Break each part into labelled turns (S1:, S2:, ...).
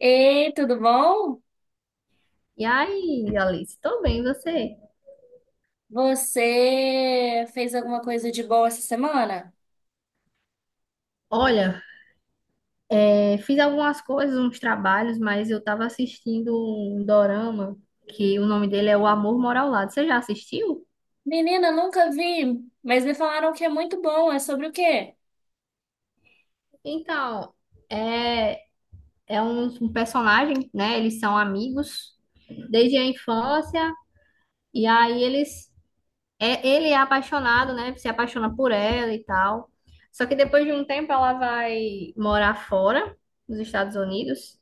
S1: Ei, tudo bom?
S2: E aí, Alice, tô bem, e você?
S1: Você fez alguma coisa de boa essa semana?
S2: Olha, fiz algumas coisas, uns trabalhos, mas eu tava assistindo um dorama que o nome dele é O Amor Mora ao Lado. Você já assistiu?
S1: Menina, nunca vi, mas me falaram que é muito bom. É sobre o quê?
S2: Então, é, é um personagem, né? Eles são amigos desde a infância, e aí ele é apaixonado, né? Se apaixona por ela e tal. Só que depois de um tempo ela vai morar fora, nos Estados Unidos.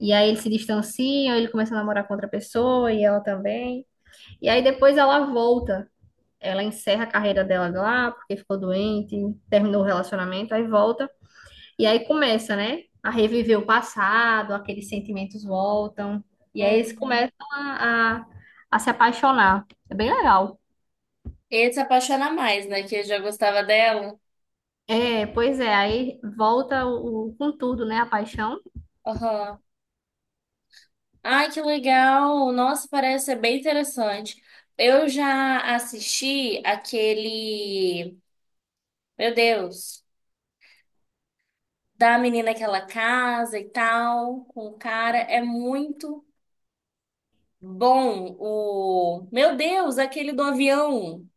S2: E aí eles se distanciam, ele começa a namorar com outra pessoa e ela também. E aí depois ela volta. Ela encerra a carreira dela lá, porque ficou doente, terminou o relacionamento, aí volta. E aí começa, né? A reviver o passado, aqueles sentimentos voltam. E aí eles
S1: Hum.
S2: começam a se apaixonar. É bem legal.
S1: Ele se apaixona mais, né? Que eu já gostava dela.
S2: É, pois é, aí volta com tudo, né? A paixão.
S1: Aham. Ai, que legal! Nossa, parece ser bem interessante. Eu já assisti aquele. Meu Deus! Da menina que ela casa e tal, com o cara. É muito Bom, o. Meu Deus, aquele do avião!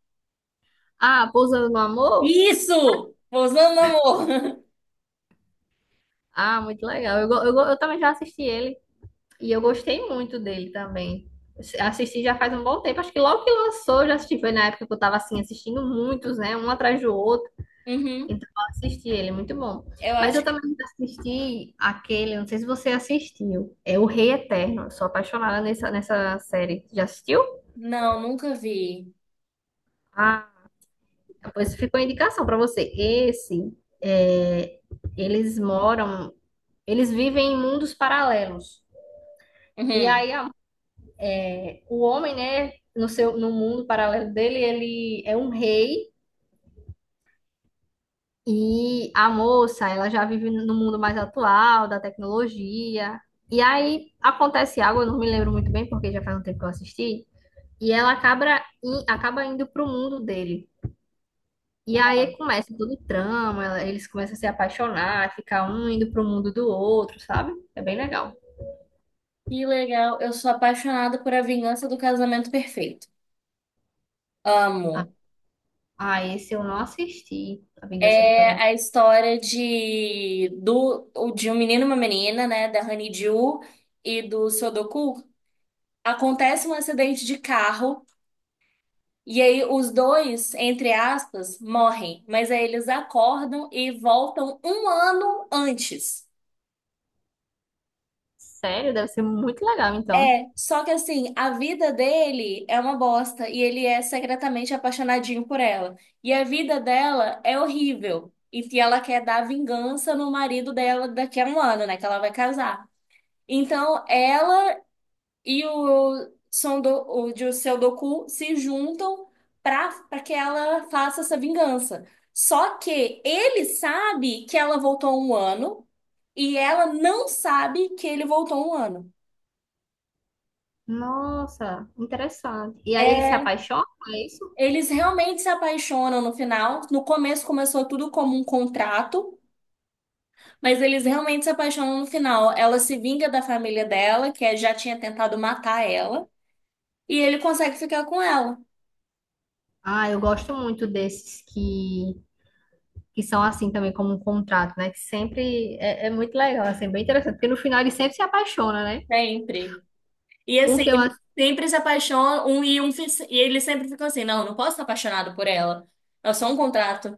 S2: Ah, Pousando no Amor?
S1: Isso! Pousando no amor!
S2: Ah, muito legal. Eu também já assisti ele e eu gostei muito dele também. Assisti já faz um bom tempo, acho que logo que lançou, eu já assisti. Foi na época que eu tava assim, assistindo muitos, né? Um atrás do outro.
S1: Uhum.
S2: Então eu assisti ele, muito bom.
S1: Eu
S2: Mas
S1: acho
S2: eu
S1: que.
S2: também assisti aquele, não sei se você assistiu, é O Rei Eterno. Eu sou apaixonada nessa série. Já assistiu?
S1: Não, nunca vi.
S2: Ah, pois ficou a indicação para você. Esse, é, eles moram, eles vivem em mundos paralelos. E
S1: Uhum.
S2: aí o homem, né, no mundo paralelo dele, ele é um rei e a moça, ela já vive no mundo mais atual da tecnologia. E aí acontece algo, eu não me lembro muito bem porque já faz um tempo que eu assisti. E ela acaba, acaba indo pro mundo dele. E aí começa todo o trama, eles começam a se apaixonar, ficar um indo pro mundo do outro, sabe? É bem legal.
S1: Que legal. Eu sou apaixonada por A Vingança do Casamento Perfeito.
S2: Ah,
S1: Amo.
S2: ah, esse eu não assisti, A Vingança do
S1: É
S2: Casamento.
S1: a história de um menino e uma menina, né? Da Honeydew e do Sudoku. Acontece um acidente de carro. E aí os dois, entre aspas, morrem, mas aí eles acordam e voltam um ano antes.
S2: Sério, deve ser muito legal, então.
S1: É, só que assim, a vida dele é uma bosta e ele é secretamente apaixonadinho por ela. E a vida dela é horrível. E que ela quer dar vingança no marido dela daqui a um ano, né? Que ela vai casar. Então, ela e o, Son Do, o de Seu Doku se juntam para que ela faça essa vingança. Só que ele sabe que ela voltou um ano e ela não sabe que ele voltou um ano.
S2: Nossa, interessante. E aí eles se apaixonam, é isso?
S1: Eles realmente se apaixonam no final. No começo começou tudo como um contrato, mas eles realmente se apaixonam no final. Ela se vinga da família dela, que já tinha tentado matar ela, e ele consegue ficar com ela
S2: Ah, eu gosto muito desses que são assim também, como um contrato, né? Que sempre é muito legal, assim, bem interessante, porque no final eles sempre se apaixonam, né?
S1: sempre. E
S2: Um
S1: assim,
S2: que eu
S1: ele sempre se apaixona, e ele sempre fica assim, não, não posso estar apaixonado por ela. É só um contrato.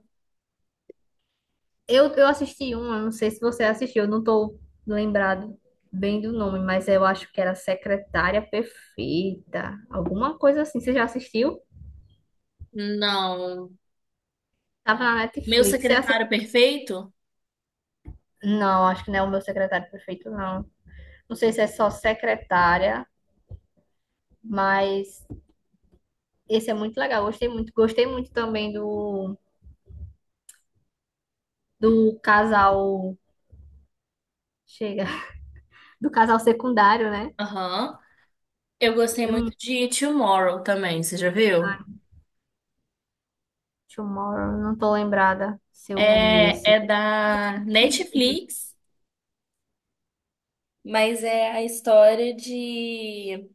S2: eu assisti uma, não sei se você assistiu, eu não tô lembrado bem do nome, mas eu acho que era Secretária Perfeita, alguma coisa assim. Você já assistiu?
S1: Não.
S2: Tava na
S1: Meu
S2: Netflix.
S1: secretário perfeito?
S2: Não, acho que não é o meu secretário perfeito, não. Não sei se é só secretária, mas esse é muito legal. Gostei muito. Gostei muito também do casal. Chega. Do casal secundário, né?
S1: Aham. Eu gostei
S2: É
S1: muito
S2: muito-
S1: de Tomorrow também, você já viu?
S2: Ai, Tomorrow, não tô lembrada se eu vi
S1: É, é
S2: esse.
S1: da Netflix, mas é a história de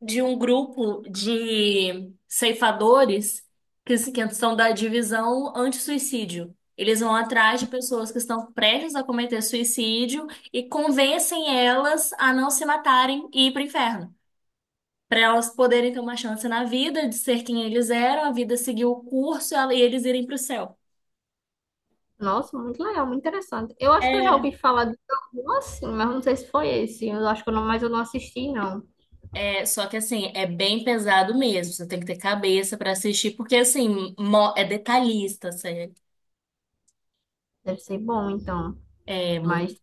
S1: de um grupo de ceifadores que, se- que são da divisão anti-suicídio. Eles vão atrás de pessoas que estão prestes a cometer suicídio e convencem elas a não se matarem e ir para o inferno. Para elas poderem ter uma chance na vida de ser quem eles eram, a vida seguir o curso e e eles irem para o céu.
S2: Nossa, muito legal, muito interessante. Eu acho que eu já
S1: É,
S2: ouvi falar de algum assim, mas não sei se foi esse. Eu acho que eu não, mas eu não assisti, não.
S1: É, só que assim, é bem pesado mesmo. Você tem que ter cabeça pra assistir, porque assim, é detalhista, sério.
S2: Deve ser bom, então.
S1: É muito.
S2: Mas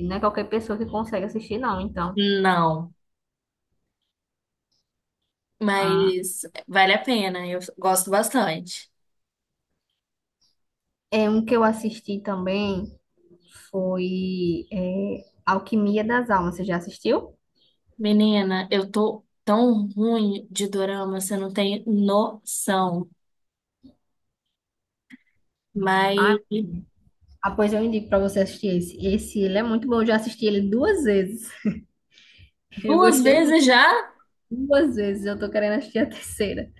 S2: não é qualquer pessoa que consegue assistir, não, então.
S1: Não.
S2: Ah,
S1: Mas vale a pena, eu gosto bastante.
S2: é um que eu assisti também foi Alquimia das Almas. Você já assistiu?
S1: Menina, eu tô tão ruim de dorama, você não tem noção. Mas
S2: Ah, ah, pois eu indico para você assistir esse. Esse ele é muito bom. Eu já assisti ele duas vezes. Eu
S1: duas
S2: gostei muito.
S1: vezes já?
S2: Duas vezes. Eu tô querendo assistir a terceira.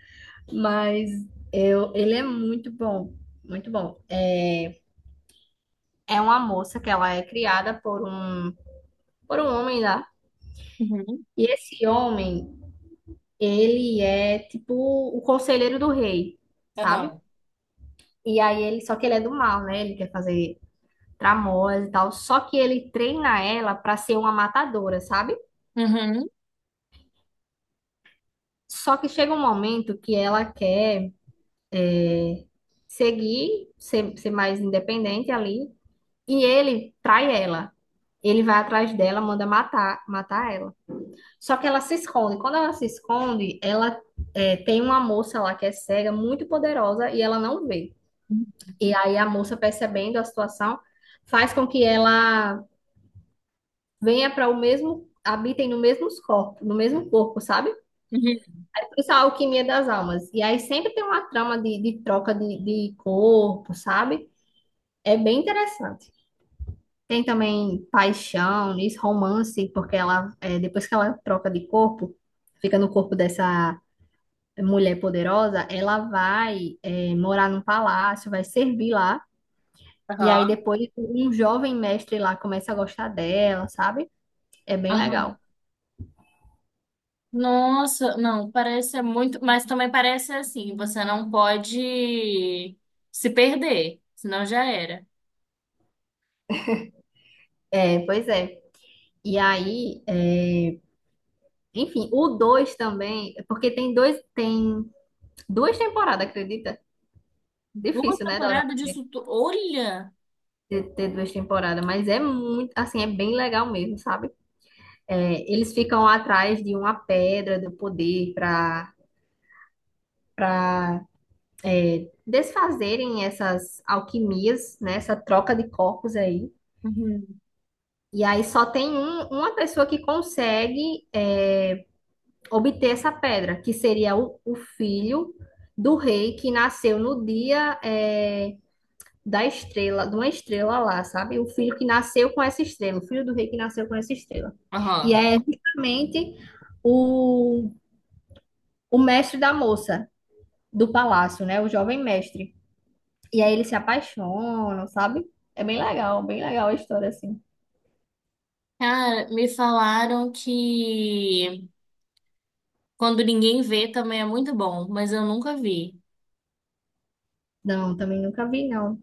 S2: Mas eu, ele é muito bom, muito bom. É uma moça que ela é criada por um homem lá.
S1: Uhum.
S2: E esse homem, ele é tipo o conselheiro do rei, sabe?
S1: Aham.
S2: E aí ele, só que ele é do mal, né? Ele quer fazer tramóias e tal. Só que ele treina ela pra ser uma matadora, sabe?
S1: Uhum.
S2: Só que chega um momento que ela quer é, seguir, ser mais independente ali. E ele trai ela. Ele vai atrás dela, manda matar, ela. Só que ela se esconde. Quando ela se esconde, ela tem uma moça lá que é cega, muito poderosa, e ela não vê. E aí a moça, percebendo a situação, faz com que ela venha para o mesmo, habitem no mesmo corpo, no mesmo corpo, sabe?
S1: Uhum.
S2: Isso é a alquimia das almas. E aí sempre tem uma trama de troca de corpo, sabe? É bem interessante. Tem também paixão, isso, romance, porque ela, depois que ela troca de corpo, fica no corpo dessa mulher poderosa, ela vai, morar num palácio, vai servir lá. E aí
S1: Aham.
S2: depois um jovem mestre lá começa a gostar dela, sabe? É bem
S1: Aham.
S2: legal.
S1: Nossa, não, parece é muito, mas também parece assim, você não pode se perder, senão já era.
S2: É, pois é. E aí, enfim, o 2 também, porque tem dois, tem duas temporadas, acredita?
S1: Duas
S2: Difícil, né, Dora,
S1: temporadas disso, olha.
S2: ter duas temporadas, mas é muito, assim, é bem legal mesmo, sabe? É, eles ficam atrás de uma pedra do poder para desfazerem essas alquimias, né, essa troca de corpos aí.
S1: Uhum.
S2: E aí só tem uma pessoa que consegue obter essa pedra, que seria o filho do rei que nasceu no dia da estrela, de uma estrela lá, sabe? O filho que nasceu com essa estrela, o filho do rei que nasceu com essa estrela. E
S1: Aham.
S2: é justamente o o mestre da moça do palácio, né? O jovem mestre. E aí eles se apaixonam, sabe? É bem legal a história, assim.
S1: Cara, me falaram que quando ninguém vê também é muito bom, mas eu nunca vi.
S2: Não, também nunca vi, não.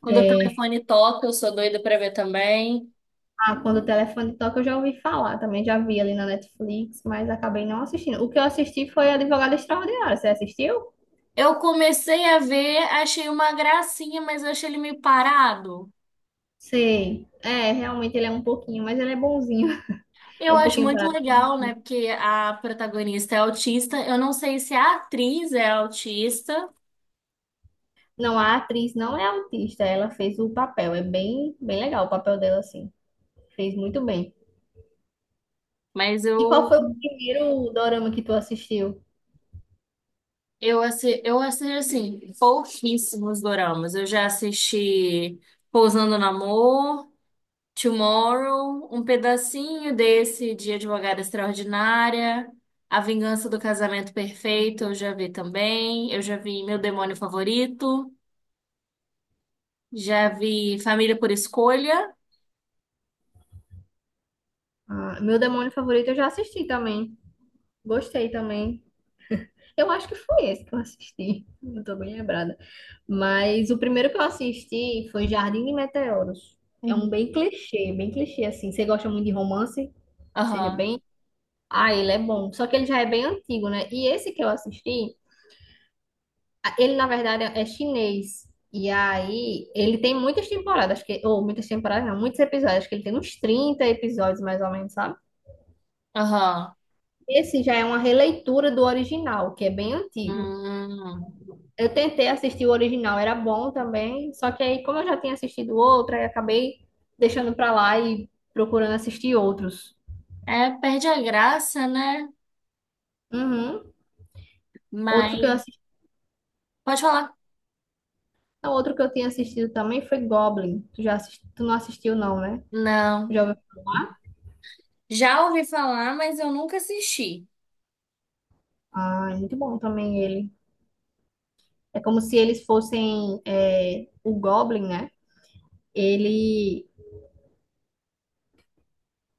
S1: Quando o telefone toca, eu sou doida pra ver também.
S2: Ah, quando o telefone toca, eu já ouvi falar. Também já vi ali na Netflix, mas acabei não assistindo. O que eu assisti foi Advogado extraordinária. Você assistiu?
S1: Eu comecei a ver, achei uma gracinha, mas eu achei ele meio parado.
S2: Sei. É, realmente ele é um pouquinho, mas ele é bonzinho. É
S1: Eu
S2: um
S1: acho
S2: pouquinho
S1: muito
S2: parado.
S1: legal, né? Porque a protagonista é autista. Eu não sei se a atriz é autista,
S2: Não, a atriz não é autista. Ela fez o papel. É bem, bem legal o papel dela, assim. Fez muito bem.
S1: mas
S2: E qual foi o primeiro dorama que tu assistiu?
S1: eu assisto assim pouquíssimos doramas. Eu já assisti Pousando no Amor. Tomorrow, um pedacinho desse de Advogada Extraordinária, A Vingança do Casamento Perfeito, eu já vi também. Eu já vi Meu Demônio Favorito, já vi Família por Escolha.
S2: Ah, meu demônio favorito eu já assisti também. Gostei também. Eu acho que foi esse que eu assisti. Não tô bem lembrada. Mas o primeiro que eu assisti foi Jardim de Meteoros. É um
S1: Uhum.
S2: bem clichê assim. Você gosta muito de romance? Seja
S1: Aham,
S2: bem. Ah, ele é bom. Só que ele já é bem antigo, né? E esse que eu assisti. Ele, na verdade, é chinês. E aí, ele tem muitas temporadas, acho que, ou muitas temporadas, não, muitos episódios, acho que ele tem uns 30 episódios mais ou menos, sabe?
S1: aham.
S2: Esse já é uma releitura do original, que é bem antigo.
S1: Hum.
S2: Eu tentei assistir o original, era bom também, só que aí, como eu já tinha assistido outro, aí acabei deixando pra lá e procurando assistir outros.
S1: É, perde a graça, né?
S2: Uhum. Outro que eu
S1: Mas.
S2: assisti,
S1: Pode falar.
S2: não, outro que eu tinha assistido também foi Goblin. Tu já assisti, tu não assistiu, não, né?
S1: Não.
S2: Já ouviu?
S1: Já ouvi falar, mas eu nunca assisti.
S2: Ah, é muito bom também ele. É como se eles fossem o Goblin, né? Ele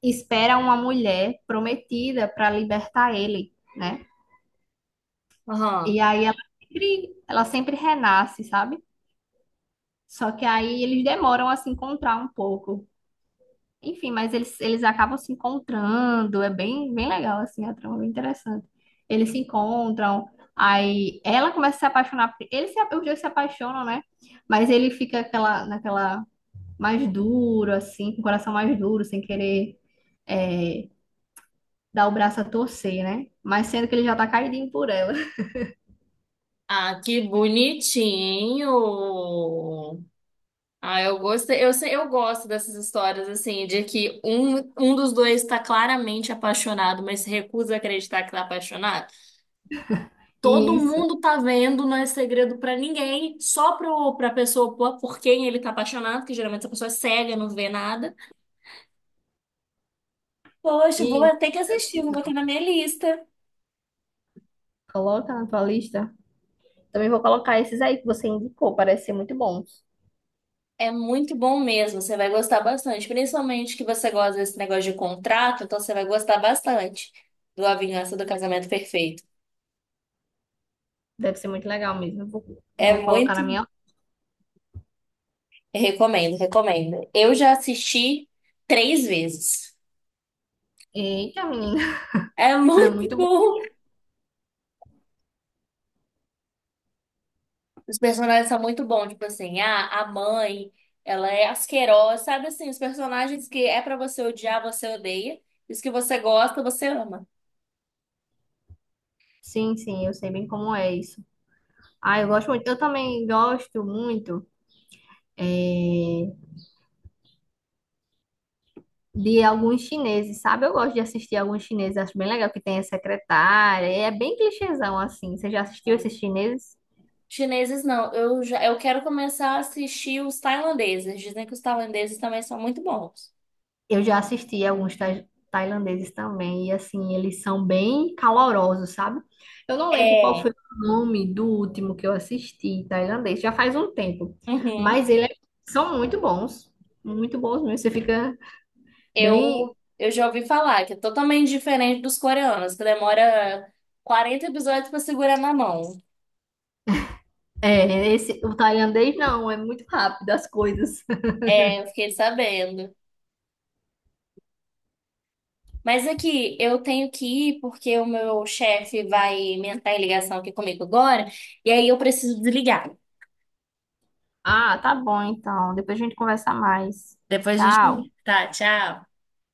S2: espera uma mulher prometida para libertar ele, né?
S1: Aham.
S2: E aí ela sempre renasce, sabe? Só que aí eles demoram a se encontrar um pouco. Enfim, mas eles acabam se encontrando. É bem, bem legal, assim, a trama é bem interessante. Eles se encontram, aí ela começa a se apaixonar. Por- Eles se, Os dois se apaixonam, né? Mas ele fica aquela, naquela mais duro, assim, com o coração mais duro, sem querer é, dar o braço a torcer, né? Mas sendo que ele já tá caidinho por ela.
S1: Ah, que bonitinho! Ah, eu gostei, eu sei, eu gosto dessas histórias assim, de que um dos dois está claramente apaixonado, mas se recusa a acreditar que tá apaixonado. Todo
S2: Isso.
S1: mundo tá vendo, não é segredo pra ninguém, só pro, pra pessoa por quem ele tá apaixonado, que geralmente essa pessoa é cega, não vê nada. Poxa, vou
S2: E
S1: ter que assistir, vou botar na minha lista.
S2: coloca na tua lista. Também vou colocar esses aí que você indicou, parece ser muito bons.
S1: É muito bom mesmo, você vai gostar bastante, principalmente que você gosta desse negócio de contrato, então você vai gostar bastante do A Vingança do Casamento Perfeito.
S2: Deve ser muito legal mesmo. Eu Vou,
S1: É
S2: vou colocar na
S1: muito
S2: minha.
S1: Recomendo, recomendo. Eu já assisti três vezes.
S2: Eita, menina,
S1: É
S2: é
S1: muito
S2: muito bom.
S1: bom. Os personagens são muito bons, tipo assim, a mãe, ela é asquerosa, sabe assim, os personagens que é pra você odiar, você odeia, e os que você gosta, você ama.
S2: Sim, sim, eu sei bem como é isso. Ah, eu gosto muito. Eu também gosto muito. é, de alguns chineses, sabe? Eu gosto de assistir alguns chineses, acho bem legal que tem a secretária, é bem clichêzão assim. Você já assistiu
S1: Não.
S2: esses chineses?
S1: Chineses não, eu já, eu quero começar a assistir os tailandeses. Dizem que os tailandeses também são muito bons.
S2: Eu já assisti alguns tailandeses também, e assim, eles são bem calorosos, sabe? Eu não lembro qual
S1: É.
S2: foi o nome do último que eu assisti tailandês, já faz um tempo,
S1: Uhum.
S2: mas eles são muito bons mesmo. Você fica bem.
S1: Eu já ouvi falar que é totalmente diferente dos coreanos, que demora 40 episódios pra segurar na mão.
S2: É, esse, o tailandês não, é muito rápido as coisas.
S1: É, eu fiquei sabendo. Mas aqui, eu tenho que ir porque o meu chefe vai entrar em ligação aqui comigo agora, e aí eu preciso desligar.
S2: Ah, tá bom então. Depois a gente conversa mais.
S1: Depois a
S2: Tchau.
S1: gente. Tá, tchau.